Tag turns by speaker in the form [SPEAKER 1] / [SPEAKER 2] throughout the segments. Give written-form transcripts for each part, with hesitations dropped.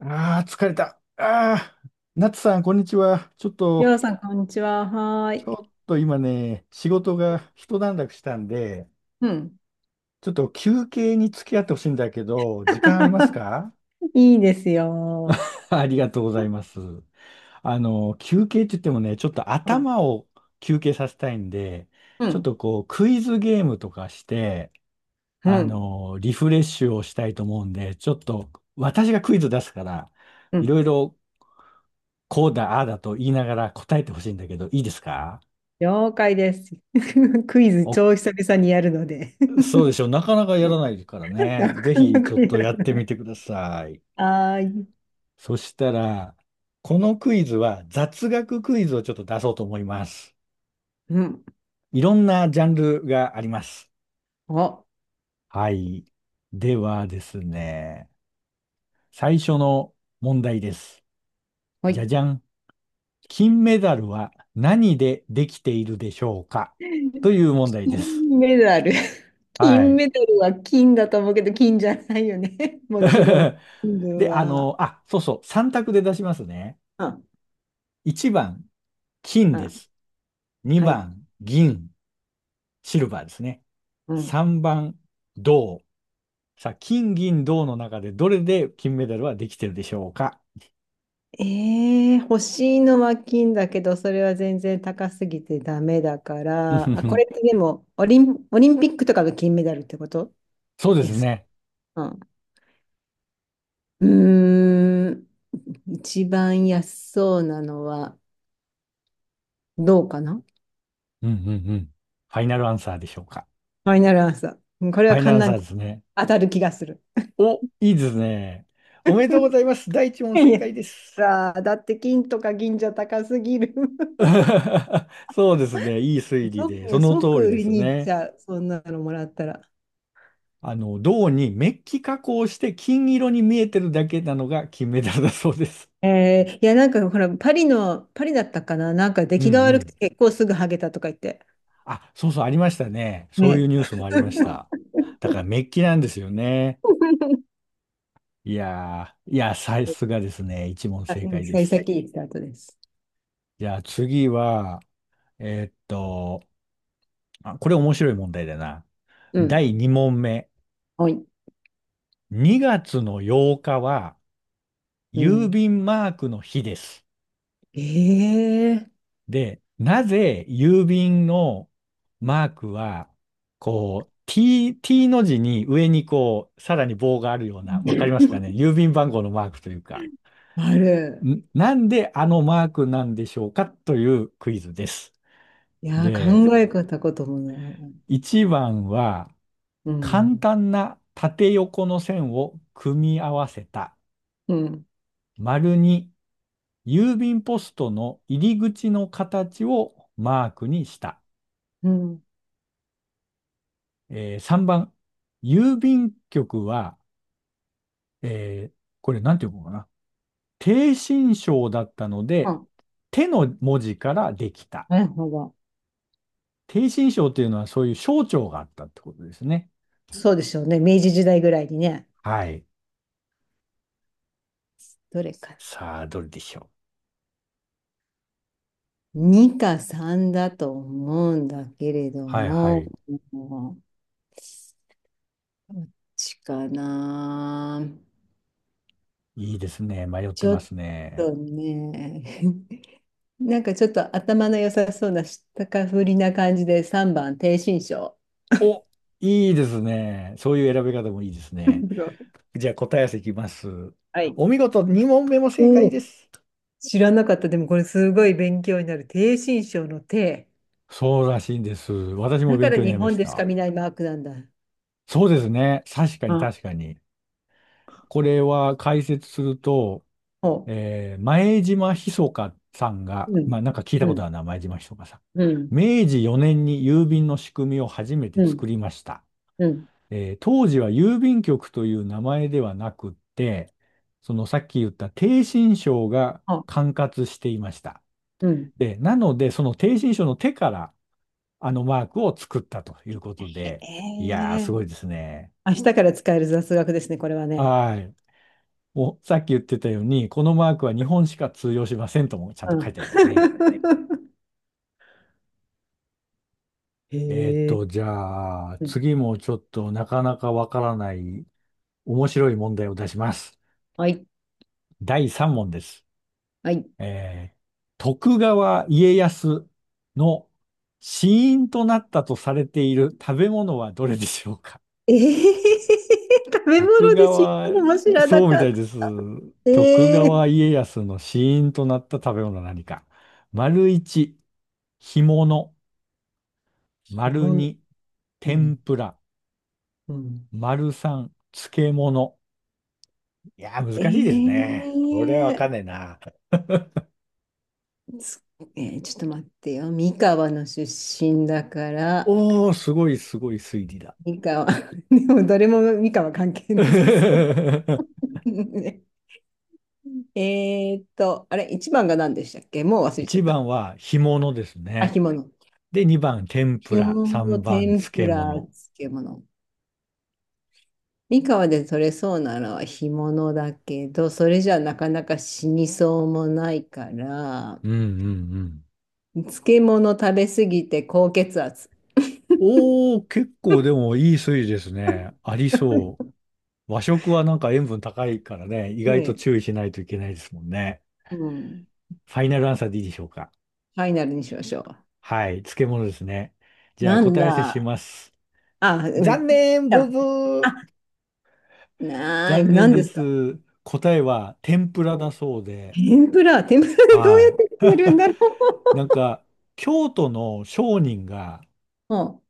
[SPEAKER 1] ああ、疲れた。ああ、ナツさん、こんにちは。ちょっ
[SPEAKER 2] り
[SPEAKER 1] と、
[SPEAKER 2] ょうさん、こんにちは。は
[SPEAKER 1] ち
[SPEAKER 2] ーい。
[SPEAKER 1] ょっと今ね、仕事が一段落したんで、
[SPEAKER 2] うん。
[SPEAKER 1] ちょっと休憩に付き合ってほしいんだけど、時間あります か？
[SPEAKER 2] いいですよ。
[SPEAKER 1] ありがとうございます。休憩って言ってもね、ちょっと
[SPEAKER 2] うん、
[SPEAKER 1] 頭を休憩させたいんで、
[SPEAKER 2] う
[SPEAKER 1] ちょっ
[SPEAKER 2] ん、
[SPEAKER 1] とこう、クイズゲームとかして、
[SPEAKER 2] うん、
[SPEAKER 1] リフレッシュをしたいと思うんで、ちょっと私がクイズ出すから、
[SPEAKER 2] う
[SPEAKER 1] い
[SPEAKER 2] ん。
[SPEAKER 1] ろいろこうだ、ああだと言いながら答えてほしいんだけど、いいですか？
[SPEAKER 2] 了解です。クイズ
[SPEAKER 1] お、
[SPEAKER 2] 超久々にやるので。
[SPEAKER 1] そうでしょう。なかなか や
[SPEAKER 2] うん。
[SPEAKER 1] らないからね。
[SPEAKER 2] な
[SPEAKER 1] ぜ
[SPEAKER 2] かな
[SPEAKER 1] ひちょ
[SPEAKER 2] か
[SPEAKER 1] っ
[SPEAKER 2] や
[SPEAKER 1] と
[SPEAKER 2] ら
[SPEAKER 1] やって
[SPEAKER 2] ない。
[SPEAKER 1] みてください。
[SPEAKER 2] はーい。
[SPEAKER 1] そしたら、このクイズは雑学クイズをちょっと出そうと思います。
[SPEAKER 2] うん。
[SPEAKER 1] いろんなジャンルがあります。
[SPEAKER 2] あ、
[SPEAKER 1] はい。ではですね、最初の問題です。
[SPEAKER 2] は
[SPEAKER 1] じゃ
[SPEAKER 2] い。
[SPEAKER 1] じゃん。金メダルは何でできているでしょうか、という問題です。
[SPEAKER 2] 金メダル。
[SPEAKER 1] は
[SPEAKER 2] 金
[SPEAKER 1] い。
[SPEAKER 2] メダルは金だと思うけど、金じゃないよね。もちろん、金
[SPEAKER 1] で、
[SPEAKER 2] は。
[SPEAKER 1] あ、そうそう、3択で出しますね。
[SPEAKER 2] あ、
[SPEAKER 1] 1番、金
[SPEAKER 2] あ、う
[SPEAKER 1] で
[SPEAKER 2] ん。
[SPEAKER 1] す。
[SPEAKER 2] は
[SPEAKER 1] 2
[SPEAKER 2] い。
[SPEAKER 1] 番、銀、シルバーですね。
[SPEAKER 2] うん。
[SPEAKER 1] 3番、銅。さあ、金、銀、銅の中でどれで金メダルはできてるでしょうか？
[SPEAKER 2] 欲しいのは金だけど、それは全然高すぎてダメだか
[SPEAKER 1] うんう
[SPEAKER 2] ら、
[SPEAKER 1] ん
[SPEAKER 2] あ、
[SPEAKER 1] う
[SPEAKER 2] これ
[SPEAKER 1] ん。
[SPEAKER 2] ってでも、オリンピックとかの金メダルってこと
[SPEAKER 1] そうで
[SPEAKER 2] で
[SPEAKER 1] す
[SPEAKER 2] す
[SPEAKER 1] ね。
[SPEAKER 2] か？うん。うーん、一番安そうなのは、どうかな。フ
[SPEAKER 1] うんうんうん。ファイナルアンサーでしょうか。
[SPEAKER 2] ァイナルアンサー。これ
[SPEAKER 1] フ
[SPEAKER 2] は
[SPEAKER 1] ァイナル
[SPEAKER 2] 簡
[SPEAKER 1] アンサ
[SPEAKER 2] 単、
[SPEAKER 1] ーですね。
[SPEAKER 2] 当たる気がする。
[SPEAKER 1] お、いいですね。おめでとうござ います。第一問
[SPEAKER 2] い
[SPEAKER 1] 正
[SPEAKER 2] や、
[SPEAKER 1] 解です。
[SPEAKER 2] だって金とか銀じゃ高すぎる。
[SPEAKER 1] そうですね。いい推理で、そ
[SPEAKER 2] 即、
[SPEAKER 1] の
[SPEAKER 2] 即
[SPEAKER 1] 通り
[SPEAKER 2] 売
[SPEAKER 1] で
[SPEAKER 2] り
[SPEAKER 1] す
[SPEAKER 2] に行っち
[SPEAKER 1] ね。
[SPEAKER 2] ゃう、そんなのもらったら。
[SPEAKER 1] 銅にメッキ加工して金色に見えてるだけなのが金メダルだそうです。
[SPEAKER 2] いや、なんかほら、パリだったかな、なんか出
[SPEAKER 1] うんう
[SPEAKER 2] 来が悪く
[SPEAKER 1] ん。
[SPEAKER 2] て結構すぐハゲたとか言って。
[SPEAKER 1] あ、そうそう、ありましたね。そうい
[SPEAKER 2] ね。
[SPEAKER 1] うニュースもありました。だからメッキなんですよね。いやー、いや、さすがですね。一問
[SPEAKER 2] あ、
[SPEAKER 1] 正
[SPEAKER 2] うん、
[SPEAKER 1] 解で
[SPEAKER 2] 幸
[SPEAKER 1] す。
[SPEAKER 2] 先いいスタートです。
[SPEAKER 1] じゃあ次は、えーっと、あ、これ面白い問題だな。
[SPEAKER 2] うん。
[SPEAKER 1] 第二問目。
[SPEAKER 2] はい。
[SPEAKER 1] 2月の8日は
[SPEAKER 2] う
[SPEAKER 1] 郵
[SPEAKER 2] ん。
[SPEAKER 1] 便マークの日です。
[SPEAKER 2] ええー。
[SPEAKER 1] で、なぜ郵便のマークは、こう、T、T の字に上にこう、さらに棒があるような、わかりますかね、郵便番号のマークというか、
[SPEAKER 2] ある。
[SPEAKER 1] なんであのマークなんでしょうか、というクイズです。
[SPEAKER 2] いやー、
[SPEAKER 1] で、
[SPEAKER 2] 考えたこともない。
[SPEAKER 1] 1番は、
[SPEAKER 2] う
[SPEAKER 1] 簡
[SPEAKER 2] ん。
[SPEAKER 1] 単な縦横の線を組み合わせた。
[SPEAKER 2] うん。
[SPEAKER 1] 丸に郵便ポストの入り口の形をマークにした。
[SPEAKER 2] うん。
[SPEAKER 1] 3番、郵便局は、これなんていうのかな。逓信省だったので、
[SPEAKER 2] あ、
[SPEAKER 1] 手の文字からできた。
[SPEAKER 2] なるほど。
[SPEAKER 1] 逓信省というのはそういう省庁があったってことですね。
[SPEAKER 2] そうでしょうね。明治時代ぐらいにね。
[SPEAKER 1] はい。
[SPEAKER 2] どれか
[SPEAKER 1] さあ、どれでしょう。
[SPEAKER 2] な。2かさんだと思うんだけれど
[SPEAKER 1] はいは
[SPEAKER 2] も、
[SPEAKER 1] い。
[SPEAKER 2] どっちかな。
[SPEAKER 1] いいですね。迷って
[SPEAKER 2] ちょ
[SPEAKER 1] ま
[SPEAKER 2] っ
[SPEAKER 1] すね。
[SPEAKER 2] とね、なんかちょっと頭の良さそうなしたかふりな感じで3番、低身長。
[SPEAKER 1] お、いいですね。そういう選び方もいいですね。じゃあ答え合わせいきます。
[SPEAKER 2] はい。
[SPEAKER 1] お見事、2問目も正
[SPEAKER 2] お
[SPEAKER 1] 解で
[SPEAKER 2] お、
[SPEAKER 1] す。
[SPEAKER 2] 知らなかった。でもこれすごい勉強になる。低身長の低。
[SPEAKER 1] そうらしいんです。私も
[SPEAKER 2] だか
[SPEAKER 1] 勉
[SPEAKER 2] ら
[SPEAKER 1] 強にな
[SPEAKER 2] 日
[SPEAKER 1] りま
[SPEAKER 2] 本
[SPEAKER 1] し
[SPEAKER 2] でし
[SPEAKER 1] た。
[SPEAKER 2] か見ないマークなんだ。
[SPEAKER 1] そうですね。確かに確
[SPEAKER 2] あ、
[SPEAKER 1] かに。これは解説すると、
[SPEAKER 2] ほ
[SPEAKER 1] 前島ひそかさんが、
[SPEAKER 2] う。うん。
[SPEAKER 1] まあなんか聞いた
[SPEAKER 2] う
[SPEAKER 1] こと
[SPEAKER 2] ん。
[SPEAKER 1] あるな、前島ひそかさん。
[SPEAKER 2] うん。
[SPEAKER 1] 明治4年に郵便の仕組みを初めて
[SPEAKER 2] う
[SPEAKER 1] 作
[SPEAKER 2] ん。
[SPEAKER 1] りました。
[SPEAKER 2] うん。
[SPEAKER 1] 当時は郵便局という名前ではなくって、そのさっき言った逓信省が
[SPEAKER 2] ほう。
[SPEAKER 1] 管轄していました。
[SPEAKER 2] うん。
[SPEAKER 1] で、なので、その逓信省の手からあのマークを作ったということで、
[SPEAKER 2] へ
[SPEAKER 1] いやー、
[SPEAKER 2] え。
[SPEAKER 1] すごいですね。
[SPEAKER 2] 明日から使える雑学ですね、これはね。
[SPEAKER 1] はい。もうさっき言ってたように、このマークは日本しか通用しませんともちゃん
[SPEAKER 2] う
[SPEAKER 1] と書いてありますね。
[SPEAKER 2] ん。へえ。
[SPEAKER 1] じゃあ、
[SPEAKER 2] うん。
[SPEAKER 1] 次もちょっとなかなかわからない面白い問題を出します。
[SPEAKER 2] はい、
[SPEAKER 1] 第3問です。
[SPEAKER 2] はい。
[SPEAKER 1] えー徳川家康の死因となったとされている食べ物はどれでしょうか？
[SPEAKER 2] え食 べ
[SPEAKER 1] 徳
[SPEAKER 2] 物で死んだ
[SPEAKER 1] 川、
[SPEAKER 2] のも知らな
[SPEAKER 1] そうみ
[SPEAKER 2] か
[SPEAKER 1] た
[SPEAKER 2] っ
[SPEAKER 1] い
[SPEAKER 2] た。
[SPEAKER 1] です。徳
[SPEAKER 2] ええ。
[SPEAKER 1] 川家康の死因となった食べ物は何か。丸一、干物。丸
[SPEAKER 2] 物、
[SPEAKER 1] 二、
[SPEAKER 2] う
[SPEAKER 1] 天
[SPEAKER 2] ん、
[SPEAKER 1] ぷら。
[SPEAKER 2] うん。
[SPEAKER 1] 丸三、漬物。いやー、難しいです
[SPEAKER 2] え
[SPEAKER 1] ね。これはわかんねえ
[SPEAKER 2] え
[SPEAKER 1] な。
[SPEAKER 2] つえーちょっと待ってよ。三河の出身だから、
[SPEAKER 1] おー、すごいすごい推理だ。
[SPEAKER 2] 三河。でも、どれも三河関係なさそ うね。あれ、一番が何でしたっけ、もう忘れち
[SPEAKER 1] 一
[SPEAKER 2] ゃった。
[SPEAKER 1] 番は干物です
[SPEAKER 2] あ、
[SPEAKER 1] ね。
[SPEAKER 2] 干物。
[SPEAKER 1] で、二番天ぷ
[SPEAKER 2] 干
[SPEAKER 1] ら、
[SPEAKER 2] 物、
[SPEAKER 1] 三番
[SPEAKER 2] 天ぷ
[SPEAKER 1] 漬
[SPEAKER 2] ら、
[SPEAKER 1] 物。
[SPEAKER 2] 漬物。三河で取れそうなのは干物だけど、それじゃなかなか死にそうもないから、
[SPEAKER 1] うんうんうん。
[SPEAKER 2] 漬物食べすぎて高血圧。
[SPEAKER 1] おー、結構でもいい推理ですね。ありそ う。和食はなんか塩分高いからね、意
[SPEAKER 2] ね
[SPEAKER 1] 外と
[SPEAKER 2] え、
[SPEAKER 1] 注意しないといけないですもんね。
[SPEAKER 2] うん。
[SPEAKER 1] ファイナルアンサーでいいでしょうか。
[SPEAKER 2] ファイナルにしましょ
[SPEAKER 1] はい、漬物ですね。
[SPEAKER 2] う。
[SPEAKER 1] じゃあ
[SPEAKER 2] なん
[SPEAKER 1] 答え合わせし
[SPEAKER 2] だ。
[SPEAKER 1] ます。
[SPEAKER 2] あ、う
[SPEAKER 1] 残
[SPEAKER 2] ん。
[SPEAKER 1] 念、ブブ
[SPEAKER 2] あ、
[SPEAKER 1] ー。
[SPEAKER 2] な、
[SPEAKER 1] 残
[SPEAKER 2] な
[SPEAKER 1] 念
[SPEAKER 2] んで
[SPEAKER 1] で
[SPEAKER 2] すか？
[SPEAKER 1] す。答えは天ぷらだそうで。
[SPEAKER 2] 天ぷらでどう
[SPEAKER 1] は
[SPEAKER 2] やっ
[SPEAKER 1] い。
[SPEAKER 2] て食べるんだろ
[SPEAKER 1] なんか、京都の商人が
[SPEAKER 2] う？うん、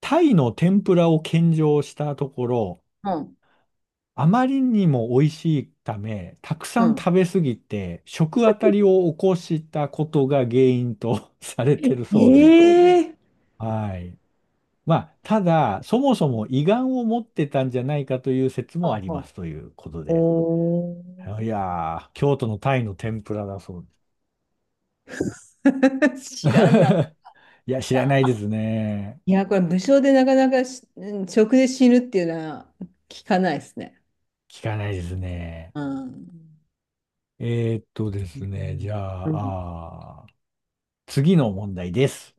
[SPEAKER 1] タイの天ぷらを献上したところ、
[SPEAKER 2] うん、
[SPEAKER 1] あまりにも美味しいため、たくさ
[SPEAKER 2] う
[SPEAKER 1] ん
[SPEAKER 2] ん。
[SPEAKER 1] 食べ過ぎて、食あたりを起こしたことが原因と されてるそうで。
[SPEAKER 2] ええー。
[SPEAKER 1] はい。まあ、ただ、そもそも胃がんを持ってたんじゃないかという説
[SPEAKER 2] ほ
[SPEAKER 1] も
[SPEAKER 2] う
[SPEAKER 1] あり
[SPEAKER 2] ほ
[SPEAKER 1] ま
[SPEAKER 2] う。
[SPEAKER 1] すということで。
[SPEAKER 2] お
[SPEAKER 1] いやー、京都のタイの天ぷらだそう
[SPEAKER 2] ー。
[SPEAKER 1] で
[SPEAKER 2] 知らなか
[SPEAKER 1] す。いや、知らな
[SPEAKER 2] っ
[SPEAKER 1] いで
[SPEAKER 2] た。
[SPEAKER 1] すね。
[SPEAKER 2] いや、これ無償でなかなか食で死ぬっていうのは聞かないですね。
[SPEAKER 1] 聞かないですね。
[SPEAKER 2] うん。
[SPEAKER 1] じゃ
[SPEAKER 2] うん。
[SPEAKER 1] あ、次の問題です。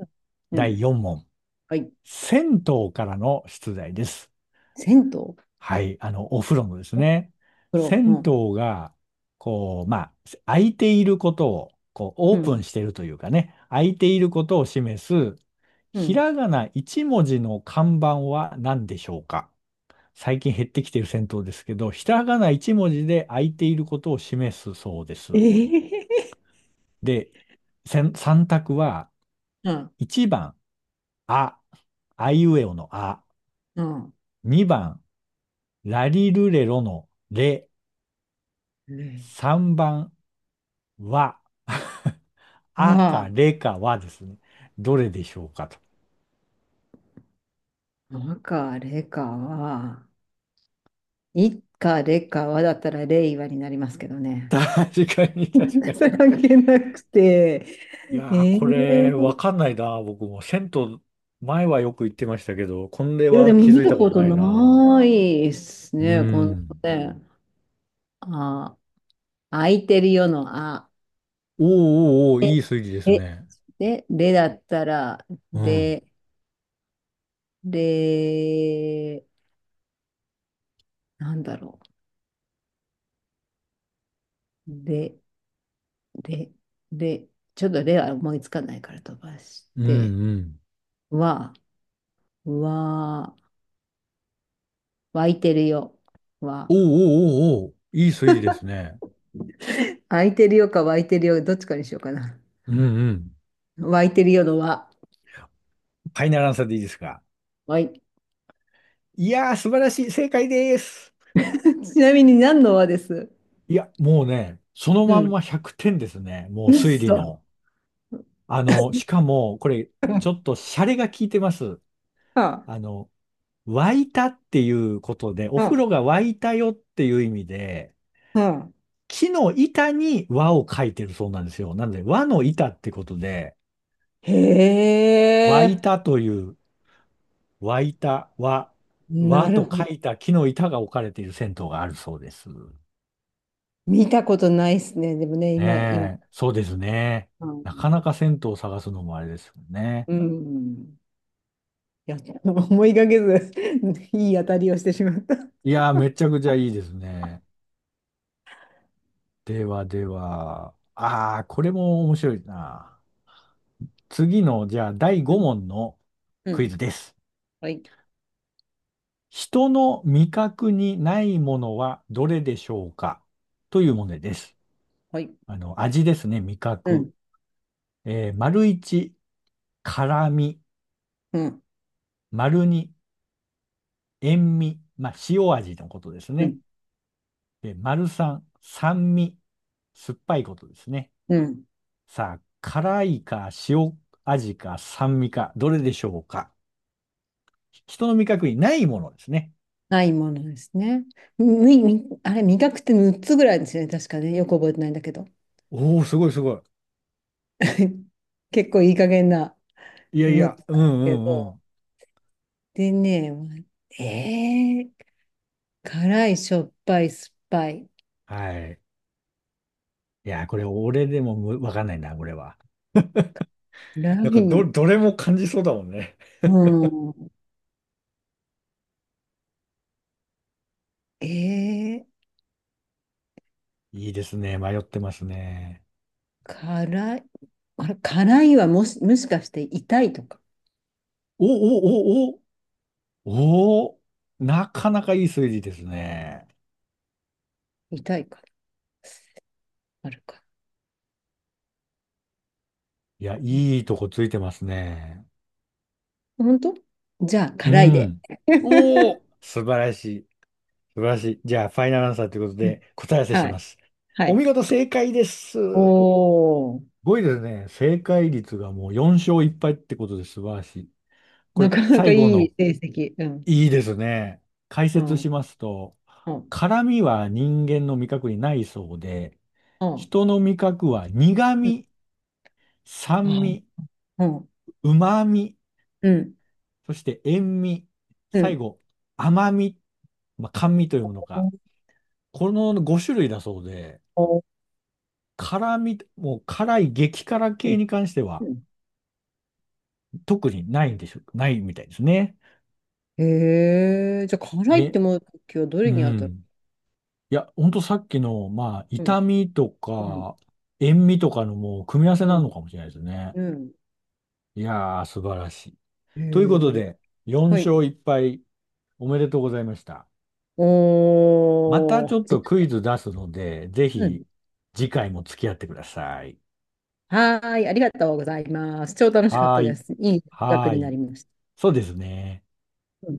[SPEAKER 2] う
[SPEAKER 1] 第
[SPEAKER 2] ん。
[SPEAKER 1] 4問。
[SPEAKER 2] はい。
[SPEAKER 1] 銭湯からの出題です。
[SPEAKER 2] 銭湯。風
[SPEAKER 1] はい。お風呂のですね。
[SPEAKER 2] 呂。う
[SPEAKER 1] 銭
[SPEAKER 2] ん。
[SPEAKER 1] 湯が、こう、まあ、空いていることを、こう、オ
[SPEAKER 2] う
[SPEAKER 1] ープ
[SPEAKER 2] ん。
[SPEAKER 1] ンしているというかね、空いていることを示す、
[SPEAKER 2] う
[SPEAKER 1] ひ
[SPEAKER 2] ん。
[SPEAKER 1] らがな1文字の看板は何でしょうか？最近減ってきている銭湯ですけど、ひらがな1文字で空いていることを示すそうです。
[SPEAKER 2] ええ。
[SPEAKER 1] で、3択は、
[SPEAKER 2] うん。
[SPEAKER 1] 1番、あ、あいうえおのあ。
[SPEAKER 2] うん。
[SPEAKER 1] 2番、ラリルレロのレ。
[SPEAKER 2] ね。
[SPEAKER 1] 3番、は。
[SPEAKER 2] う
[SPEAKER 1] あか
[SPEAKER 2] わ
[SPEAKER 1] れかはですね。どれでしょうかと。
[SPEAKER 2] あ、なんか、レカは、いっか、レカはだったらレイ和になりますけどね。
[SPEAKER 1] 確かに、確か に。
[SPEAKER 2] それ関係なくて、
[SPEAKER 1] いやー、これ、わ
[SPEAKER 2] い
[SPEAKER 1] かんないな、僕も。銭湯、前はよく行ってましたけど、これ
[SPEAKER 2] や、で
[SPEAKER 1] は
[SPEAKER 2] も
[SPEAKER 1] 気
[SPEAKER 2] 見
[SPEAKER 1] づい
[SPEAKER 2] る
[SPEAKER 1] たこ
[SPEAKER 2] こ
[SPEAKER 1] と
[SPEAKER 2] と
[SPEAKER 1] ないな。
[SPEAKER 2] ないです
[SPEAKER 1] う
[SPEAKER 2] ね、この
[SPEAKER 1] ん。
[SPEAKER 2] ね。あ、空いてるよの、あ。
[SPEAKER 1] おーおーおー、
[SPEAKER 2] で、
[SPEAKER 1] いい推理です
[SPEAKER 2] え
[SPEAKER 1] ね。
[SPEAKER 2] でだったら、
[SPEAKER 1] うん。
[SPEAKER 2] で、で、なんだろう。で、で、で、ちょっとでは思いつかないから飛ばし
[SPEAKER 1] うん
[SPEAKER 2] て、
[SPEAKER 1] うん。
[SPEAKER 2] わ、わ、湧いてるよ。わ。
[SPEAKER 1] おーおーおーおー、いい推理ですね。
[SPEAKER 2] 湧いてるよか湧いてるよ、どっちかにしようかな。
[SPEAKER 1] うんうん。
[SPEAKER 2] 湧いてるよのわ。
[SPEAKER 1] ファイナルアンサーでいいですか？
[SPEAKER 2] わい。
[SPEAKER 1] いやー、素晴らしい。正解です。
[SPEAKER 2] ちなみに何のわです？
[SPEAKER 1] いや、もうね、その
[SPEAKER 2] う
[SPEAKER 1] まん
[SPEAKER 2] ん。
[SPEAKER 1] ま100点ですね。もう
[SPEAKER 2] うっ
[SPEAKER 1] 推理
[SPEAKER 2] そ。は
[SPEAKER 1] も。しかも、これ、ちょっとシャレが効いてます。
[SPEAKER 2] あ、
[SPEAKER 1] あの、沸いたっていうことで、お風
[SPEAKER 2] は
[SPEAKER 1] 呂が沸いたよっていう意味で、
[SPEAKER 2] あ、はあ。
[SPEAKER 1] 木の板に和を書いてるそうなんですよ。なので、和の板ってことで、
[SPEAKER 2] へ
[SPEAKER 1] 沸い
[SPEAKER 2] え、
[SPEAKER 1] たという、沸いた和、和
[SPEAKER 2] なる
[SPEAKER 1] と
[SPEAKER 2] ほ
[SPEAKER 1] 書
[SPEAKER 2] ど。
[SPEAKER 1] いた木の板が置かれている銭湯があるそうです。
[SPEAKER 2] 見たことないですね。でもね、今、今、
[SPEAKER 1] ねえ、そうですね。なかなか銭湯を探すのもあれですよね。
[SPEAKER 2] うん、いや思いがけず いい当たりをしてしまった。
[SPEAKER 1] いやー、めちゃくちゃいいですね。ではでは、ああ、これも面白いな。次の、じゃあ、第
[SPEAKER 2] う
[SPEAKER 1] 5
[SPEAKER 2] ん、
[SPEAKER 1] 問の
[SPEAKER 2] う
[SPEAKER 1] クイ
[SPEAKER 2] ん、
[SPEAKER 1] ズです。
[SPEAKER 2] はい、
[SPEAKER 1] 人の味覚にないものはどれでしょうか、という問題です。
[SPEAKER 2] はい、
[SPEAKER 1] 味ですね、味
[SPEAKER 2] う
[SPEAKER 1] 覚。
[SPEAKER 2] ん、
[SPEAKER 1] 丸1、辛味。
[SPEAKER 2] うん、
[SPEAKER 1] 丸2、塩味。まあ、塩味のことです
[SPEAKER 2] う
[SPEAKER 1] ね。
[SPEAKER 2] ん、
[SPEAKER 1] で、丸三、酸味、酸っぱいことですね。
[SPEAKER 2] うん。
[SPEAKER 1] さあ、辛いか塩味か酸味か、どれでしょうか。人の味覚にないものですね。
[SPEAKER 2] ないものですね。み、あれ、味覚って6つぐらいですよね、確かね。よく覚えてないんだけど。
[SPEAKER 1] おー、すごいすご
[SPEAKER 2] 結構いい加減な。
[SPEAKER 1] い。いやい
[SPEAKER 2] 6
[SPEAKER 1] や、
[SPEAKER 2] つ
[SPEAKER 1] うん
[SPEAKER 2] なんです
[SPEAKER 1] う
[SPEAKER 2] け
[SPEAKER 1] んう
[SPEAKER 2] ど。
[SPEAKER 1] ん。
[SPEAKER 2] でね、えー、辛い、しょっぱい、酸っぱい、
[SPEAKER 1] はい。いや、これ俺でもわかんないな、これは。
[SPEAKER 2] ラ
[SPEAKER 1] なんか
[SPEAKER 2] イ
[SPEAKER 1] ど、
[SPEAKER 2] ン、
[SPEAKER 1] どれも感じそうだもんね。
[SPEAKER 2] うん、えー、
[SPEAKER 1] いいですね。迷ってますね。
[SPEAKER 2] 辛い、あれ、辛いは、もしかして痛いとか、
[SPEAKER 1] おおおおおー、なかなかいい推理ですね。
[SPEAKER 2] 痛いか、あるか。
[SPEAKER 1] いや、いいとこついてますね。
[SPEAKER 2] 本当。じゃあ、
[SPEAKER 1] う
[SPEAKER 2] 辛いで。
[SPEAKER 1] ん。おお、素晴らしい。素晴らしい。じゃあ、ファイナルアンサーということ
[SPEAKER 2] うん。
[SPEAKER 1] で、答え合わせし
[SPEAKER 2] は
[SPEAKER 1] ま
[SPEAKER 2] い。
[SPEAKER 1] す。
[SPEAKER 2] は
[SPEAKER 1] お
[SPEAKER 2] い。
[SPEAKER 1] 見事、正解です。
[SPEAKER 2] お
[SPEAKER 1] す
[SPEAKER 2] ー、
[SPEAKER 1] ごいですね。正解率がもう4勝1敗ってことで素晴らしい。こ
[SPEAKER 2] な
[SPEAKER 1] れ、
[SPEAKER 2] かなか
[SPEAKER 1] 最
[SPEAKER 2] い
[SPEAKER 1] 後
[SPEAKER 2] い
[SPEAKER 1] の、
[SPEAKER 2] 成績。うん。
[SPEAKER 1] いいですね。解
[SPEAKER 2] う
[SPEAKER 1] 説
[SPEAKER 2] ん。
[SPEAKER 1] しますと、
[SPEAKER 2] うん。
[SPEAKER 1] 辛味は人間の味覚にないそうで、
[SPEAKER 2] うん。
[SPEAKER 1] 人の味覚は苦
[SPEAKER 2] うん。
[SPEAKER 1] 味、酸
[SPEAKER 2] あ、
[SPEAKER 1] 味、
[SPEAKER 2] うん。
[SPEAKER 1] 旨味、
[SPEAKER 2] うん。
[SPEAKER 1] そして塩味、
[SPEAKER 2] う
[SPEAKER 1] 最
[SPEAKER 2] ん。
[SPEAKER 1] 後、甘味、まあ、甘味というものか。この5種類だそうで、
[SPEAKER 2] おー。
[SPEAKER 1] 辛み、もう辛い激辛系に関しては
[SPEAKER 2] うん。
[SPEAKER 1] 特にないんでしょ、ないみたいですね。
[SPEAKER 2] へえ、じゃあ、辛いっ
[SPEAKER 1] え、
[SPEAKER 2] て思う時はど
[SPEAKER 1] う
[SPEAKER 2] れに当たる？
[SPEAKER 1] ん。いや、ほんとさっきの、まあ、
[SPEAKER 2] うん。
[SPEAKER 1] 痛みと
[SPEAKER 2] うん。
[SPEAKER 1] か、塩味とかのもう組み合わせ
[SPEAKER 2] う
[SPEAKER 1] な
[SPEAKER 2] ん。
[SPEAKER 1] のかもしれないですね。
[SPEAKER 2] うん。
[SPEAKER 1] いやー、素晴らしい。
[SPEAKER 2] へ
[SPEAKER 1] ということ
[SPEAKER 2] え。
[SPEAKER 1] で、4
[SPEAKER 2] はい。
[SPEAKER 1] 勝1敗、おめでとうございました。また
[SPEAKER 2] お
[SPEAKER 1] ちょっとクイ
[SPEAKER 2] ー。
[SPEAKER 1] ズ出すので、ぜ
[SPEAKER 2] う
[SPEAKER 1] ひ
[SPEAKER 2] ん。
[SPEAKER 1] 次回も付き合ってください。
[SPEAKER 2] はーい、ありがとうございます。超楽しかっ
[SPEAKER 1] は
[SPEAKER 2] た
[SPEAKER 1] ー
[SPEAKER 2] で
[SPEAKER 1] い。
[SPEAKER 2] す。いい学
[SPEAKER 1] はー
[SPEAKER 2] にな
[SPEAKER 1] い。
[SPEAKER 2] りました。
[SPEAKER 1] そうですね。
[SPEAKER 2] うん